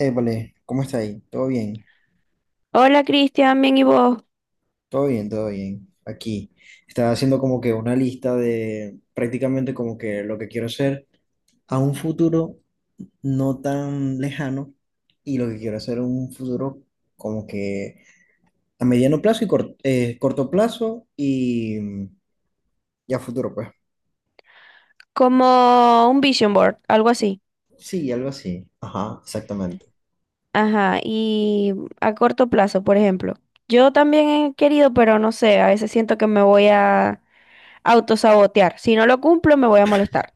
Épale, ¿cómo está ahí? ¿Todo bien? Hola Cristian, bien y vos, Todo bien, todo bien. Aquí. Estaba haciendo como que una lista de prácticamente como que lo que quiero hacer a un futuro no tan lejano y lo que quiero hacer a un futuro como que a mediano plazo y corto plazo y y a futuro, pues. como un vision board, algo así. Sí, algo así. Ajá, exactamente. Ajá, y a corto plazo, por ejemplo. Yo también he querido, pero no sé, a veces siento que me voy a autosabotear. Si no lo cumplo, me voy a molestar.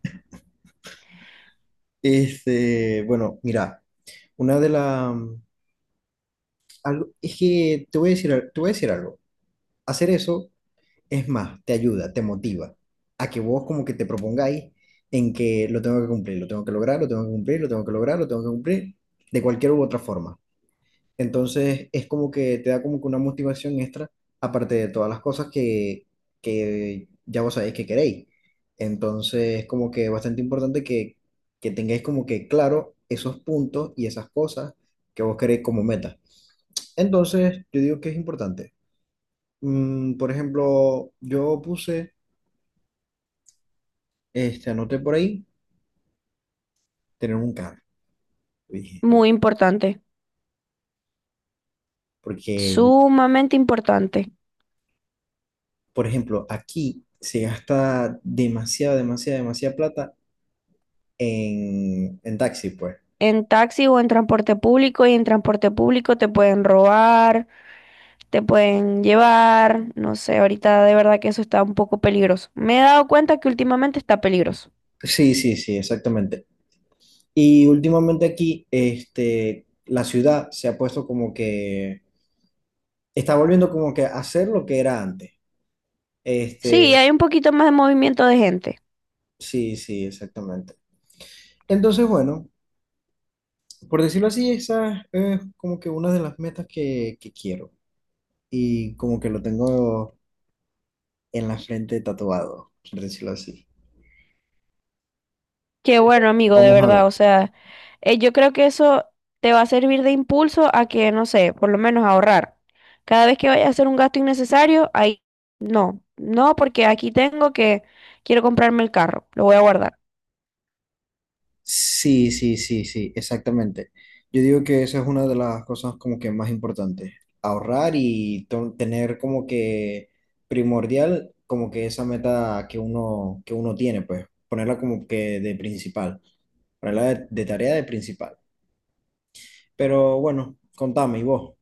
Este, bueno, mira, una de las... Algo, es que te voy a decir, te voy a decir algo. Hacer eso es más, te ayuda, te motiva a que vos como que te propongáis en que lo tengo que cumplir, lo tengo que lograr, lo tengo que cumplir, lo tengo que lograr, lo tengo que cumplir, de cualquier u otra forma. Entonces es como que te da como que una motivación extra, aparte de todas las cosas que ya vos sabéis que queréis. Entonces es como que bastante importante que tengáis como que claro esos puntos y esas cosas que vos queréis como meta. Entonces yo digo que es importante. Por ejemplo, yo puse este, anoté por ahí, tener un carro, dije yo, Muy importante, porque, sumamente importante. por ejemplo, aquí se gasta demasiada, demasiada, demasiada plata en taxi, pues. En taxi o en transporte público, y en transporte público te pueden robar, te pueden llevar, no sé, ahorita de verdad que eso está un poco peligroso. Me he dado cuenta que últimamente está peligroso. Sí, sí, sí, exactamente. Y últimamente aquí, este, la ciudad se ha puesto como que, está volviendo como que a hacer lo que era antes. Sí, Este, hay un poquito más de movimiento de gente. sí, sí, exactamente. Entonces, bueno, por decirlo así, esa es como que una de las metas que quiero. Y como que lo tengo en la frente tatuado, por decirlo así. Qué bueno, amigo, de Vamos a ver. verdad. O sea, yo creo que eso te va a servir de impulso a que, no sé, por lo menos ahorrar. Cada vez que vayas a hacer un gasto innecesario, ahí no, no, porque aquí tengo que quiero comprarme el carro, lo voy a guardar. Sí, sí, sí, sí, exactamente. Yo digo que esa es una de las cosas como que más importantes. Ahorrar y tener como que primordial, como que esa meta que uno tiene, pues ponerla como que de principal, ponerla de tarea de principal. Pero bueno, contame, ¿y vos?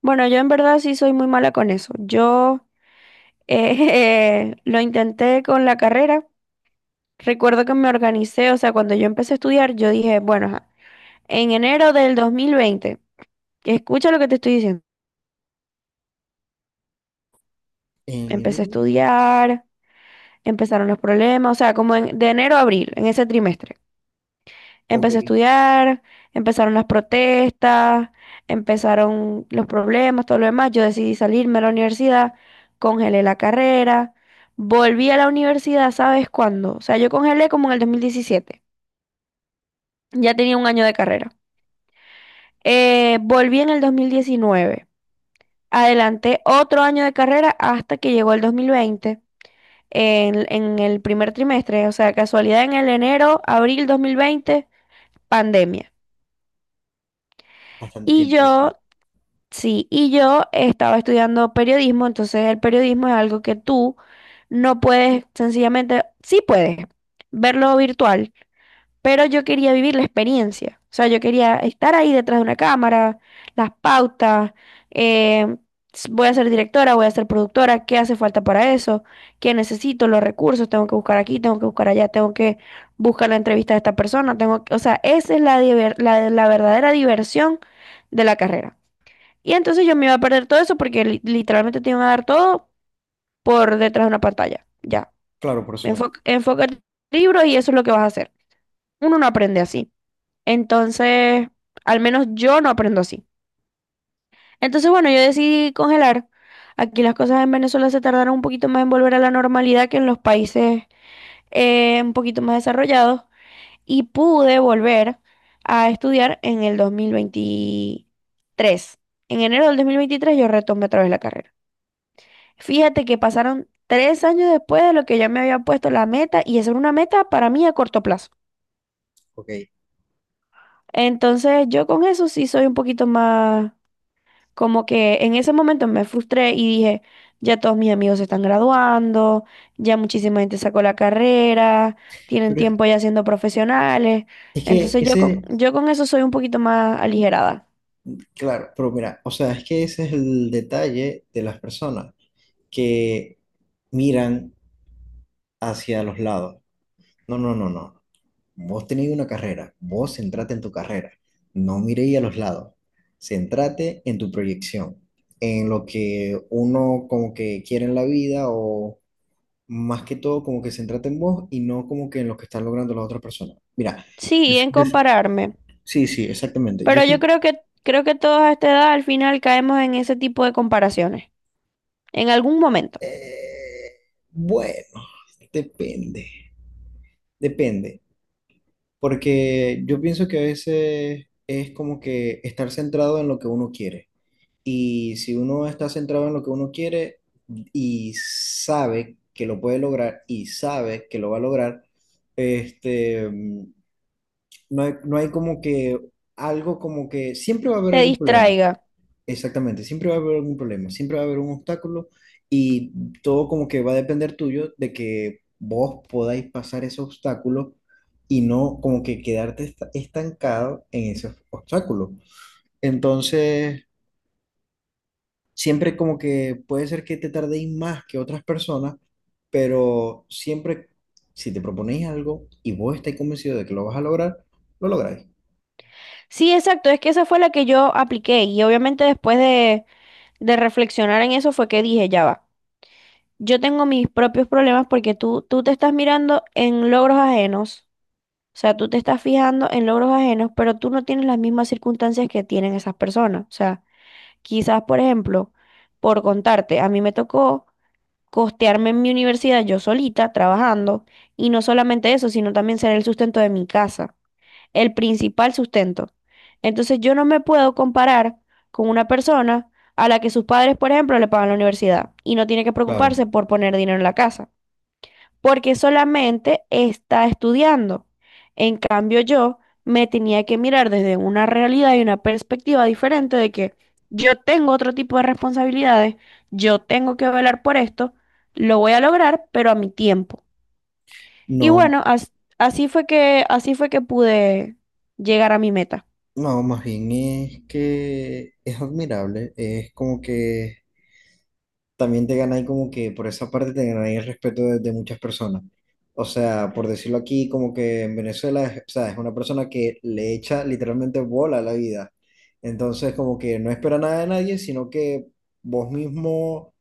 Bueno, yo en verdad sí soy muy mala con eso. Yo lo intenté con la carrera. Recuerdo que me organicé, o sea, cuando yo empecé a estudiar, yo dije, bueno, ajá, en enero del 2020, escucha lo que te estoy diciendo. ¿En Empecé a enero? estudiar, empezaron los problemas, o sea, de enero a abril, en ese trimestre. Ok, Empecé a estudiar, empezaron las protestas, empezaron los problemas, todo lo demás. Yo decidí salirme a la universidad, congelé la carrera, volví a la universidad, ¿sabes cuándo? O sea, yo congelé como en el 2017, ya tenía un año de carrera. Volví en el 2019, adelanté otro año de carrera hasta que llegó el 2020 en el primer trimestre, o sea, casualidad en el enero, abril 2020, pandemia. bastante Y tiempo. yo, ¿Viste? sí, y yo estaba estudiando periodismo, entonces el periodismo es algo que tú no puedes, sencillamente, sí puedes verlo virtual, pero yo quería vivir la experiencia. O sea, yo quería estar ahí detrás de una cámara, las pautas, eh, voy a ser directora, voy a ser productora, ¿qué hace falta para eso? ¿Qué necesito? Los recursos, tengo que buscar aquí, tengo que buscar allá, tengo que buscar la entrevista de esta persona, o sea, esa es la, la verdadera diversión de la carrera. Y entonces yo me iba a perder todo eso porque literalmente te iban a dar todo por detrás de una pantalla. Ya, Claro, por Zoom. enfoca, enfoca el libro y eso es lo que vas a hacer. Uno no aprende así. Entonces, al menos yo no aprendo así. Entonces, bueno, yo decidí congelar. Aquí las cosas en Venezuela se tardaron un poquito más en volver a la normalidad que en los países un poquito más desarrollados, y pude volver a estudiar en el 2023. En enero del 2023 yo retomé otra vez la carrera. Fíjate que pasaron 3 años después de lo que yo me había puesto la meta y esa era una meta para mí a corto plazo. Ok. Entonces, yo con eso sí soy un poquito más. Como que en ese momento me frustré y dije, ya todos mis amigos se están graduando, ya muchísima gente sacó la carrera, tienen Pero es tiempo ya siendo profesionales. es que Entonces yo con, ese, yo con eso soy un poquito más aligerada. claro, pero mira, o sea, es que ese es el detalle de las personas que miran hacia los lados. No, no, no, no. Vos tenéis una carrera, vos centrate en tu carrera. No miréis a los lados. Centrate en tu proyección, en lo que uno como que quiere en la vida o más que todo como que centrate en vos y no como que en lo que están logrando las otras personas. Mira, yo, Sí, en yo- compararme. sí, sí, exactamente. Yo Pero yo soy... creo creo que todos a esta edad al final caemos en ese tipo de comparaciones. En algún momento. Bueno, depende. Depende, porque yo pienso que a veces es como que estar centrado en lo que uno quiere. Y si uno está centrado en lo que uno quiere y sabe que lo puede lograr y sabe que lo va a lograr, este, mm, no hay, no hay como que algo como que siempre va a haber Te algún problema. distraiga. Exactamente, siempre va a haber algún problema, siempre va a haber un obstáculo y todo como que va a depender tuyo de que vos podáis pasar ese obstáculo y no como que quedarte estancado en ese obstáculo. Entonces, siempre como que puede ser que te tardéis más que otras personas, pero siempre si te proponéis algo y vos estáis convencido de que lo vas a lograr, lo lográis. Sí, exacto. Es que esa fue la que yo apliqué. Y obviamente después de reflexionar en eso fue que dije, ya va. Yo tengo mis propios problemas porque tú te estás mirando en logros ajenos, o sea, tú te estás fijando en logros ajenos, pero tú no tienes las mismas circunstancias que tienen esas personas. O sea, quizás, por ejemplo, por contarte, a mí me tocó costearme en mi universidad yo solita, trabajando, y no solamente eso, sino también ser el sustento de mi casa, el principal sustento. Entonces yo no me puedo comparar con una persona a la que sus padres, por ejemplo, le pagan la universidad y no tiene que Claro, preocuparse por poner dinero en la casa porque solamente está estudiando. En cambio, yo me tenía que mirar desde una realidad y una perspectiva diferente de que yo tengo otro tipo de responsabilidades, yo tengo que velar por esto, lo voy a lograr, pero a mi tiempo. Y no. bueno, así fue que pude llegar a mi meta. No, más bien es que es admirable, es como que también te ganáis como que por esa parte te ganáis el respeto de muchas personas. O sea, por decirlo aquí, como que en Venezuela, o sea, es una persona que le echa literalmente bola a la vida. Entonces, como que no espera nada de nadie, sino que vos mismo,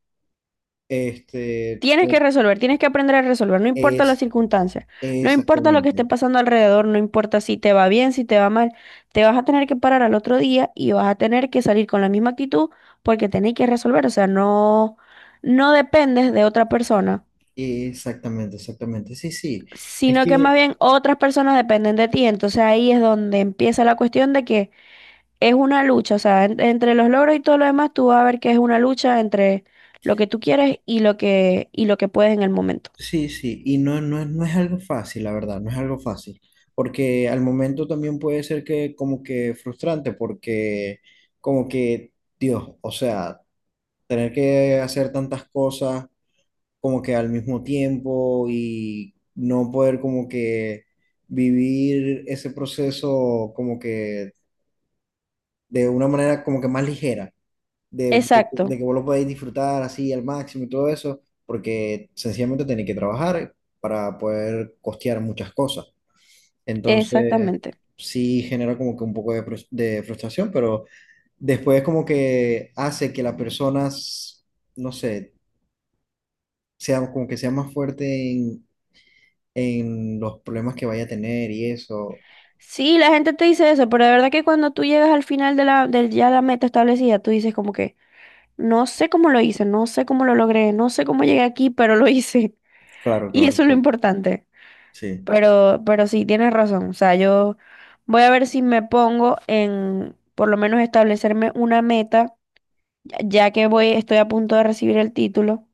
este, Tienes que resolver, tienes que aprender a resolver, no importa las es circunstancias, no importa lo que esté exactamente, pasando alrededor, no importa si te va bien, si te va mal, te vas a tener que parar al otro día y vas a tener que salir con la misma actitud porque tenés que resolver, o sea, no, no dependes de otra persona, exactamente, exactamente, sí, sí. Es sino que más que bien otras personas dependen de ti, entonces ahí es donde empieza la cuestión de que es una lucha, o sea, entre los logros y todo lo demás, tú vas a ver que es una lucha entre lo que tú quieres y lo que puedes en el momento. Sí, sí, y no, no, no es algo fácil, la verdad, no es algo fácil, porque al momento también puede ser que como que frustrante, porque como que, Dios, o sea, tener que hacer tantas cosas como que al mismo tiempo y no poder como que vivir ese proceso como que de una manera como que más ligera de Exacto. que vos lo podéis disfrutar así al máximo y todo eso, porque sencillamente tenéis que trabajar para poder costear muchas cosas. Entonces, Exactamente. sí genera como que un poco de, de frustración, pero después como que hace que las personas, no sé, sea como que sea más fuerte en los problemas que vaya a tener y eso. Sí, la gente te dice eso, pero de verdad que cuando tú llegas al final de la, del ya la meta establecida, tú dices como que no sé cómo lo hice, no sé cómo lo logré, no sé cómo llegué aquí, pero lo hice. Claro, Y claro, eso es lo exacto. importante. Sí, Pero sí, tienes razón. O sea, yo voy a ver si me pongo en por lo menos establecerme una meta ya que voy, estoy a punto de recibir el título,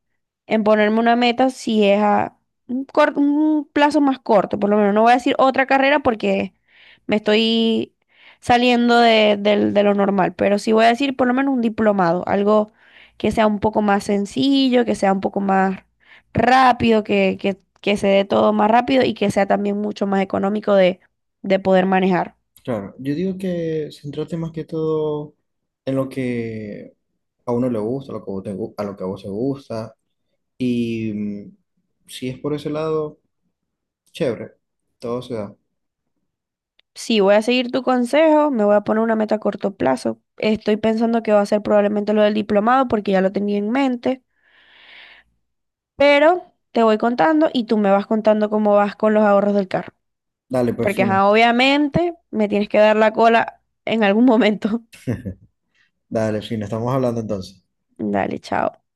en ponerme una meta si es a un plazo más corto, por lo menos. No voy a decir otra carrera porque me estoy saliendo de lo normal, pero sí voy a decir por lo menos un diplomado, algo que sea un poco más sencillo, que sea un poco más rápido, que, se dé todo más rápido y que sea también mucho más económico de poder manejar. claro. Yo digo que centrarte más que todo en lo que a uno le gusta, a lo que a vos a lo que a vos te gusta. Y si es por ese lado, chévere, todo se da. Sí, voy a seguir tu consejo, me voy a poner una meta a corto plazo. Estoy pensando que va a ser probablemente lo del diplomado porque ya lo tenía en mente, pero te voy contando y tú me vas contando cómo vas con los ahorros del carro. Dale, pues Porque fino, ajá, obviamente me tienes que dar la cola en algún momento. dale, fino, estamos hablando entonces. Dale, chao.